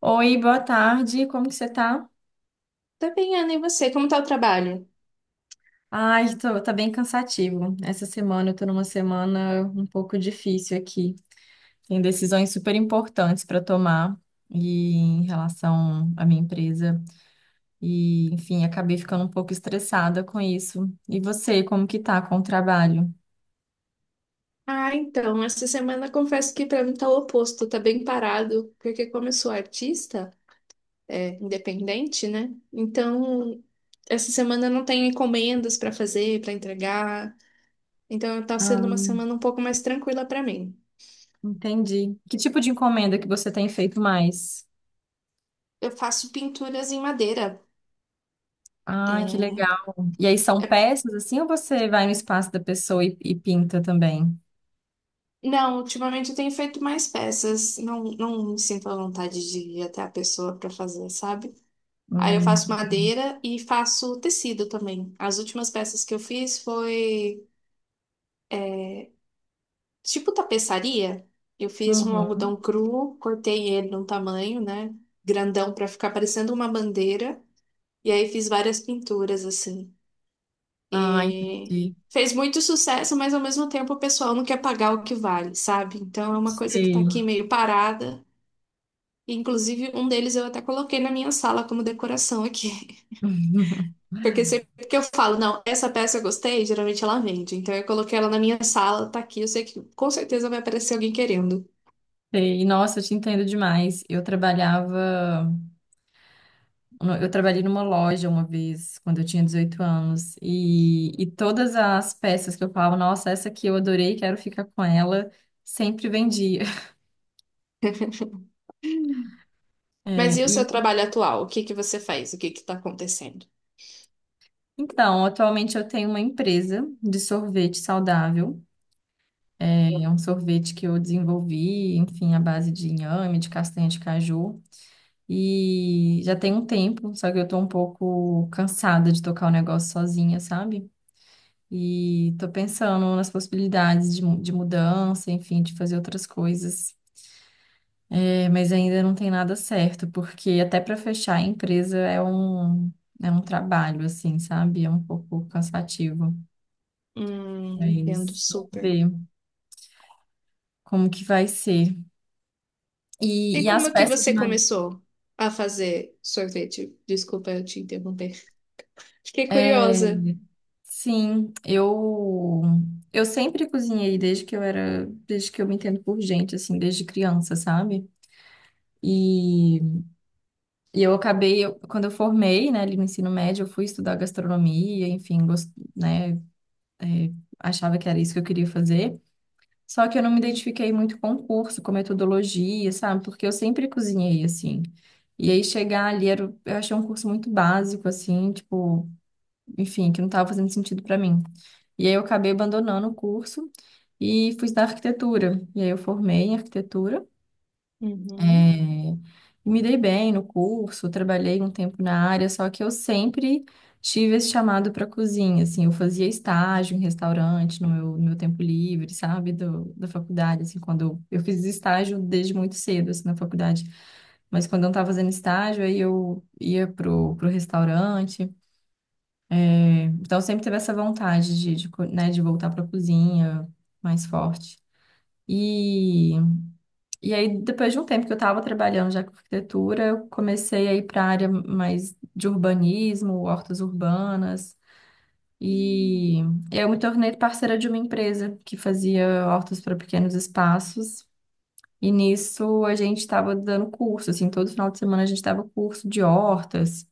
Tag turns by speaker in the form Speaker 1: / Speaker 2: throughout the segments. Speaker 1: Oi, boa tarde, como que você tá?
Speaker 2: Tá bem, Ana, e você? Como tá o trabalho?
Speaker 1: Ai, tô, tá bem cansativo. Essa semana eu tô numa semana um pouco difícil aqui. Tem decisões super importantes para tomar e em relação à minha empresa. Acabei ficando um pouco estressada com isso. E você, como que tá com o trabalho?
Speaker 2: Ah, então, essa semana confesso que pra mim tá o oposto, tá bem parado, porque como eu sou artista, é, independente, né? Então, essa semana eu não tenho encomendas pra fazer, pra entregar, então tá sendo
Speaker 1: Ah,
Speaker 2: uma semana um pouco mais tranquila pra mim.
Speaker 1: entendi. Que tipo de encomenda que você tem feito mais?
Speaker 2: Eu faço pinturas em madeira.
Speaker 1: Ai, que
Speaker 2: É,
Speaker 1: legal. E aí são
Speaker 2: é-
Speaker 1: peças assim ou você vai no espaço da pessoa e pinta também?
Speaker 2: Não, ultimamente eu tenho feito mais peças, não, não me sinto à vontade de ir até a pessoa pra fazer, sabe? Aí eu
Speaker 1: Hum.
Speaker 2: faço madeira e faço tecido também. As últimas peças que eu fiz foi tipo tapeçaria. Eu fiz um
Speaker 1: Uhum.
Speaker 2: algodão cru, cortei ele num tamanho, né? Grandão pra ficar parecendo uma bandeira. E aí fiz várias pinturas assim.
Speaker 1: Ah,
Speaker 2: E
Speaker 1: entendi.
Speaker 2: fez muito sucesso, mas ao mesmo tempo o pessoal não quer pagar o que vale, sabe? Então é uma coisa que tá
Speaker 1: Sei.
Speaker 2: aqui meio parada. Inclusive, um deles eu até coloquei na minha sala como decoração aqui. Porque sempre que eu falo, não, essa peça eu gostei, geralmente ela vende. Então eu coloquei ela na minha sala, tá aqui, eu sei que com certeza vai aparecer alguém querendo.
Speaker 1: Sei. Nossa, eu te entendo demais. Eu trabalhei numa loja uma vez, quando eu tinha 18 anos, e todas as peças que eu falava, nossa, essa aqui eu adorei, quero ficar com ela, sempre vendia.
Speaker 2: Mas
Speaker 1: É,
Speaker 2: e o seu
Speaker 1: e
Speaker 2: trabalho atual? O que que você faz? O que que tá acontecendo?
Speaker 1: então, atualmente eu tenho uma empresa de sorvete saudável. É um sorvete que eu desenvolvi, enfim, à base de inhame, de castanha de caju. E já tem um tempo, só que eu tô um pouco cansada de tocar o negócio sozinha, sabe? E tô pensando nas possibilidades de mudança, enfim, de fazer outras coisas. É, mas ainda não tem nada certo, porque até para fechar a empresa é um trabalho, assim, sabe? É um pouco cansativo.
Speaker 2: Entendo
Speaker 1: Mas vamos
Speaker 2: super.
Speaker 1: ver como que vai ser.
Speaker 2: E
Speaker 1: E
Speaker 2: como
Speaker 1: as
Speaker 2: é que
Speaker 1: peças de
Speaker 2: você
Speaker 1: madeira.
Speaker 2: começou a fazer sorvete? Desculpa eu te interromper. Fiquei curiosa.
Speaker 1: Sim, eu sempre cozinhei desde que eu me entendo por gente, assim, desde criança, sabe? E, Quando eu formei, né, ali no ensino médio, eu fui estudar gastronomia, enfim, gost, né, é, achava que era isso que eu queria fazer. Só que eu não me identifiquei muito com o curso, com metodologia, sabe? Porque eu sempre cozinhei, assim. E aí chegar ali, era, o- Eu achei um curso muito básico, assim, tipo, enfim, que não estava fazendo sentido para mim. E aí eu acabei abandonando o curso e fui estudar arquitetura. E aí eu formei em arquitetura,
Speaker 2: Uhum.
Speaker 1: eh, e me dei bem no curso, trabalhei um tempo na área, só que eu sempre tive esse chamado para cozinha, assim, eu fazia estágio em restaurante no meu tempo livre, sabe, da faculdade, assim, eu fiz estágio desde muito cedo, assim, na faculdade. Mas quando eu não estava fazendo estágio, aí eu ia pro restaurante, então, eu sempre teve essa vontade de voltar para a cozinha mais forte. E, e aí, depois de um tempo que eu estava trabalhando já com arquitetura, eu comecei a ir para a área mais de urbanismo, hortas urbanas. E eu me tornei parceira de uma empresa que fazia hortas para pequenos espaços. E nisso a gente estava dando curso, assim, todo final de semana a gente dava curso de hortas.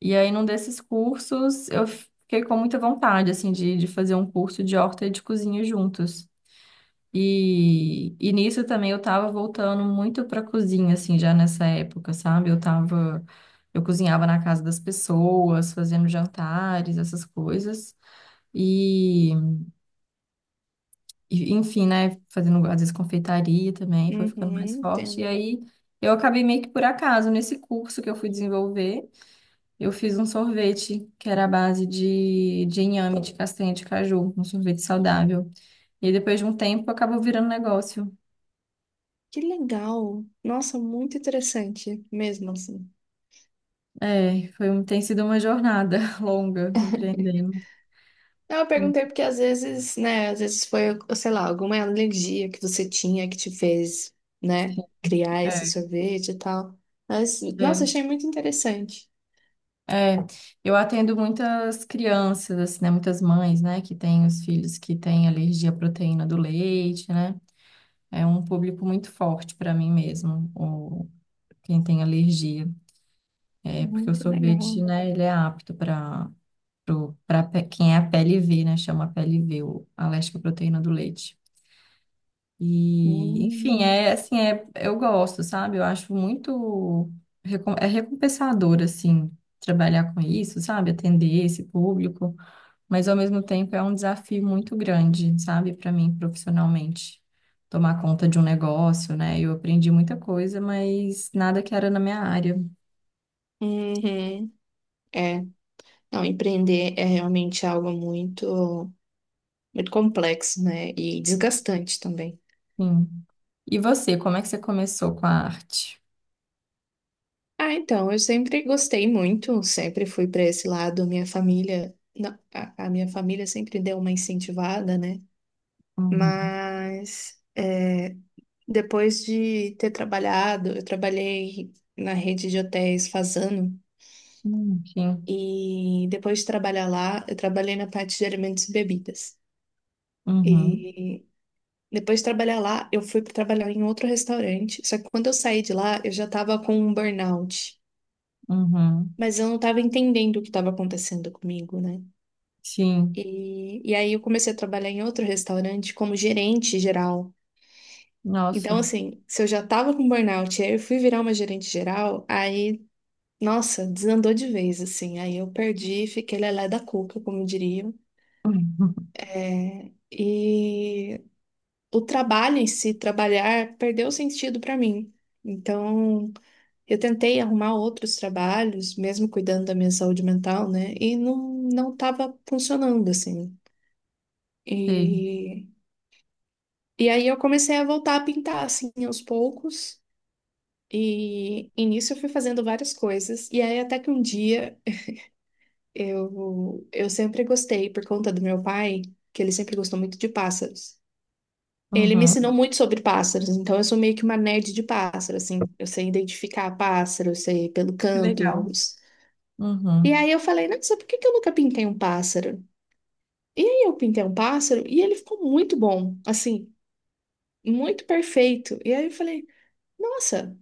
Speaker 1: E aí, num desses cursos, eu fiquei com muita vontade, assim, de fazer um curso de horta e de cozinha juntos. E nisso também eu tava voltando muito pra cozinha, assim, já nessa época, sabe? Eu tava, eu cozinhava na casa das pessoas, fazendo jantares, essas coisas. E, e, enfim, né? Fazendo, às vezes, confeitaria também, foi ficando
Speaker 2: Uhum,
Speaker 1: mais forte. E
Speaker 2: entendo.
Speaker 1: aí, eu acabei meio que por acaso nesse curso que eu fui desenvolver. Eu fiz um sorvete que era à base de inhame, de castanha de caju, um sorvete saudável. E aí, depois de um tempo acabou virando negócio.
Speaker 2: Que legal! Nossa, muito interessante mesmo assim.
Speaker 1: É, foi, um- tem sido uma jornada longa empreendendo.
Speaker 2: Não, eu
Speaker 1: Hum,
Speaker 2: perguntei porque às vezes, né, às vezes foi, sei lá, alguma alergia que você tinha que te fez, né,
Speaker 1: sim.
Speaker 2: criar esse
Speaker 1: É,
Speaker 2: sorvete e tal. Mas, nossa,
Speaker 1: é,
Speaker 2: achei muito interessante.
Speaker 1: é. Eu atendo muitas crianças, assim, né? Muitas mães, né? Que têm os filhos que têm alergia à proteína do leite, né? É um público muito forte para mim mesmo, quem tem alergia. É, porque o
Speaker 2: Muito legal.
Speaker 1: sorvete, né? Ele é apto para quem é a PLV, né? Chama PLV o- a lactoproteína do leite. E, enfim,
Speaker 2: Hum.
Speaker 1: é assim, é, Eu gosto, sabe? Eu acho muito recom- é recompensador, assim, trabalhar com isso, sabe? Atender esse público, mas ao mesmo tempo é um desafio muito grande, sabe, para mim profissionalmente. Tomar conta de um negócio, né? Eu aprendi muita coisa, mas nada que era na minha área.
Speaker 2: Uhum. É, não, empreender é realmente algo muito, muito complexo, né, e desgastante também.
Speaker 1: Sim. E você, como é que você começou com a arte?
Speaker 2: Ah, então, eu sempre gostei muito, sempre fui para esse lado. Minha família, não, a minha família sempre deu uma incentivada, né?
Speaker 1: Uhum.
Speaker 2: Mas é, depois de ter trabalhado, eu trabalhei na rede de hotéis Fazano
Speaker 1: Sim.
Speaker 2: e depois de trabalhar lá, eu trabalhei na parte de alimentos e bebidas.
Speaker 1: Uhum,
Speaker 2: E depois de trabalhar lá, eu fui para trabalhar em outro restaurante. Só que quando eu saí de lá, eu já estava com um burnout.
Speaker 1: uhum,
Speaker 2: Mas eu não estava entendendo o que estava acontecendo comigo, né?
Speaker 1: sim,
Speaker 2: E aí eu comecei a trabalhar em outro restaurante como gerente geral.
Speaker 1: nossa,
Speaker 2: Então, assim, se eu já tava com burnout, e aí eu fui virar uma gerente geral, aí, nossa, desandou de vez, assim. Aí eu perdi, fiquei lelé da cuca, como diriam. É, e o trabalho em si, trabalhar, perdeu sentido para mim. Então, eu tentei arrumar outros trabalhos, mesmo cuidando da minha saúde mental, né? E não estava funcionando assim.
Speaker 1: sei,
Speaker 2: E E aí eu comecei a voltar a pintar assim aos poucos. E nisso eu fui fazendo várias coisas. E aí até que um dia eu sempre gostei, por conta do meu pai, que ele sempre gostou muito de pássaros. Ele me ensinou
Speaker 1: uhum.
Speaker 2: muito sobre pássaros, então eu sou meio que uma nerd de pássaro, assim. Eu sei identificar pássaro, eu sei pelo
Speaker 1: Que
Speaker 2: canto.
Speaker 1: legal.
Speaker 2: E
Speaker 1: Uhum,
Speaker 2: aí eu falei, nossa, por que que eu nunca pintei um pássaro? E aí eu pintei um pássaro e ele ficou muito bom, assim, muito perfeito. E aí eu falei, nossa.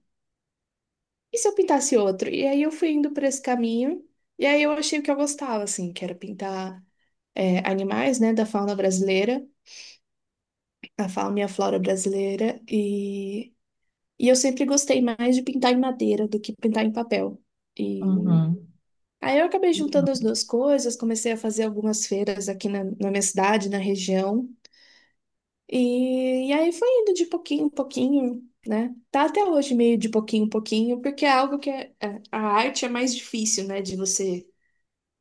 Speaker 2: E se eu pintasse outro? E aí eu fui indo por esse caminho, e aí eu achei o que eu gostava, assim, que era pintar é, animais, né, da fauna brasileira, a fauna e a flora brasileira, e eu sempre gostei mais de pintar em madeira do que pintar em papel. E
Speaker 1: uhum,
Speaker 2: aí eu acabei juntando as duas coisas, comecei a fazer algumas feiras aqui na minha cidade, na região, e aí foi indo de pouquinho em pouquinho. Né? Tá até hoje meio de pouquinho em pouquinho, porque é algo que a arte é mais difícil, né, de você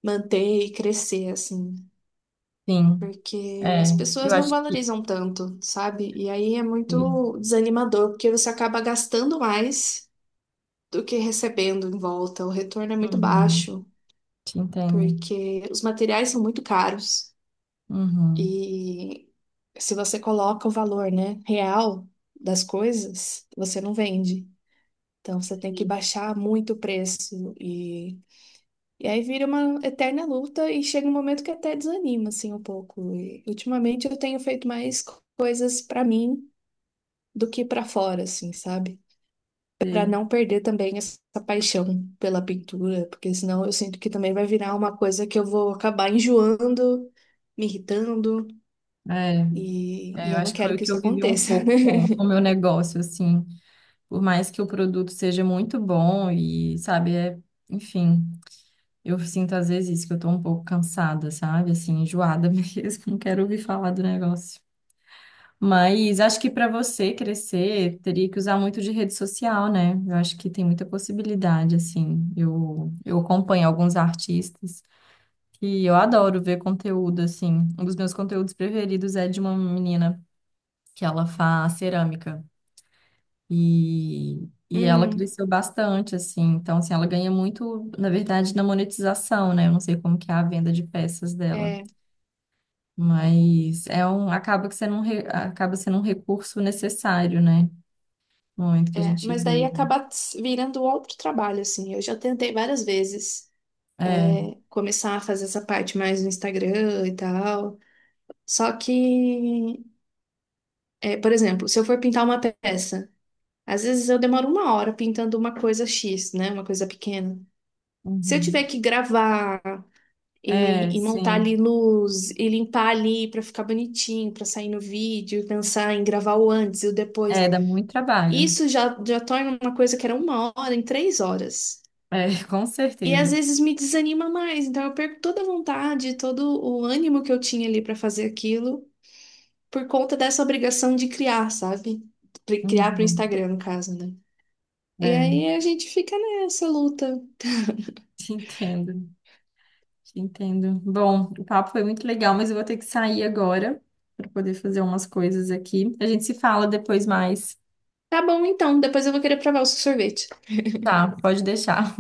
Speaker 2: manter e crescer, assim,
Speaker 1: sim,
Speaker 2: porque as
Speaker 1: é, eu
Speaker 2: pessoas não
Speaker 1: acho que,
Speaker 2: valorizam tanto, sabe? E aí é
Speaker 1: sei.
Speaker 2: muito desanimador, porque você acaba gastando mais do que recebendo em volta. O retorno é muito
Speaker 1: Uhum,
Speaker 2: baixo,
Speaker 1: te entendo,
Speaker 2: porque os materiais são muito caros
Speaker 1: uhum,
Speaker 2: e se você coloca o valor, né, real das coisas, você não vende. Então você tem que
Speaker 1: sei,
Speaker 2: baixar muito o preço. E aí vira uma eterna luta e chega um momento que até desanima, assim, um pouco. E ultimamente eu tenho feito mais coisas pra mim do que pra fora, assim, sabe? Pra
Speaker 1: sei.
Speaker 2: não perder também essa paixão pela pintura, porque senão eu sinto que também vai virar uma coisa que eu vou acabar enjoando, me irritando,
Speaker 1: É,
Speaker 2: e,
Speaker 1: é,
Speaker 2: e
Speaker 1: eu
Speaker 2: eu não
Speaker 1: acho que foi
Speaker 2: quero
Speaker 1: o
Speaker 2: que
Speaker 1: que
Speaker 2: isso
Speaker 1: eu vivi um
Speaker 2: aconteça.
Speaker 1: pouco com o meu negócio, assim, por mais que o produto seja muito bom e, sabe, enfim, eu sinto às vezes isso, que eu tô um pouco cansada, sabe, assim, enjoada mesmo, não quero ouvir falar do negócio. Mas acho que para você crescer, teria que usar muito de rede social, né? Eu acho que tem muita possibilidade, assim. Eu acompanho alguns artistas que eu adoro ver conteúdo, assim. Um dos meus conteúdos preferidos é de uma menina que ela faz cerâmica. E ela
Speaker 2: Hum,
Speaker 1: cresceu bastante, assim. Então, assim, ela ganha muito, na verdade, na monetização, né? Eu não sei como que é a venda de peças dela.
Speaker 2: é,
Speaker 1: Mas é um, acaba que sendo um, re- acaba sendo um recurso necessário, né? Muito que a
Speaker 2: é.
Speaker 1: gente
Speaker 2: Mas daí
Speaker 1: vive.
Speaker 2: acaba virando outro trabalho, assim. Eu já tentei várias vezes.
Speaker 1: É,
Speaker 2: É, começar a fazer essa parte mais no Instagram e tal. Só que, é, por exemplo, se eu for pintar uma peça, às vezes eu demoro 1 hora pintando uma coisa X, né? Uma coisa pequena. Se eu
Speaker 1: uhum.
Speaker 2: tiver que gravar
Speaker 1: É,
Speaker 2: e montar ali
Speaker 1: sim.
Speaker 2: luz e limpar ali pra ficar bonitinho, pra sair no vídeo, e pensar em gravar o antes e o depois,
Speaker 1: É, dá muito trabalho.
Speaker 2: isso já torna uma coisa que era 1 hora em 3 horas.
Speaker 1: É, com
Speaker 2: E às
Speaker 1: certeza.
Speaker 2: vezes me desanima mais, então eu perco toda a vontade, todo o ânimo que eu tinha ali pra fazer aquilo, por conta dessa obrigação de criar, sabe? Criar pro
Speaker 1: Uhum.
Speaker 2: Instagram, no caso, né? E
Speaker 1: É,
Speaker 2: aí a gente fica nessa luta.
Speaker 1: te entendo, te entendo. Bom, o papo foi muito legal, mas eu vou ter que sair agora para poder fazer umas coisas aqui. A gente se fala depois mais.
Speaker 2: Tá bom, então, depois eu vou querer provar o seu sorvete.
Speaker 1: Tá, pode deixar.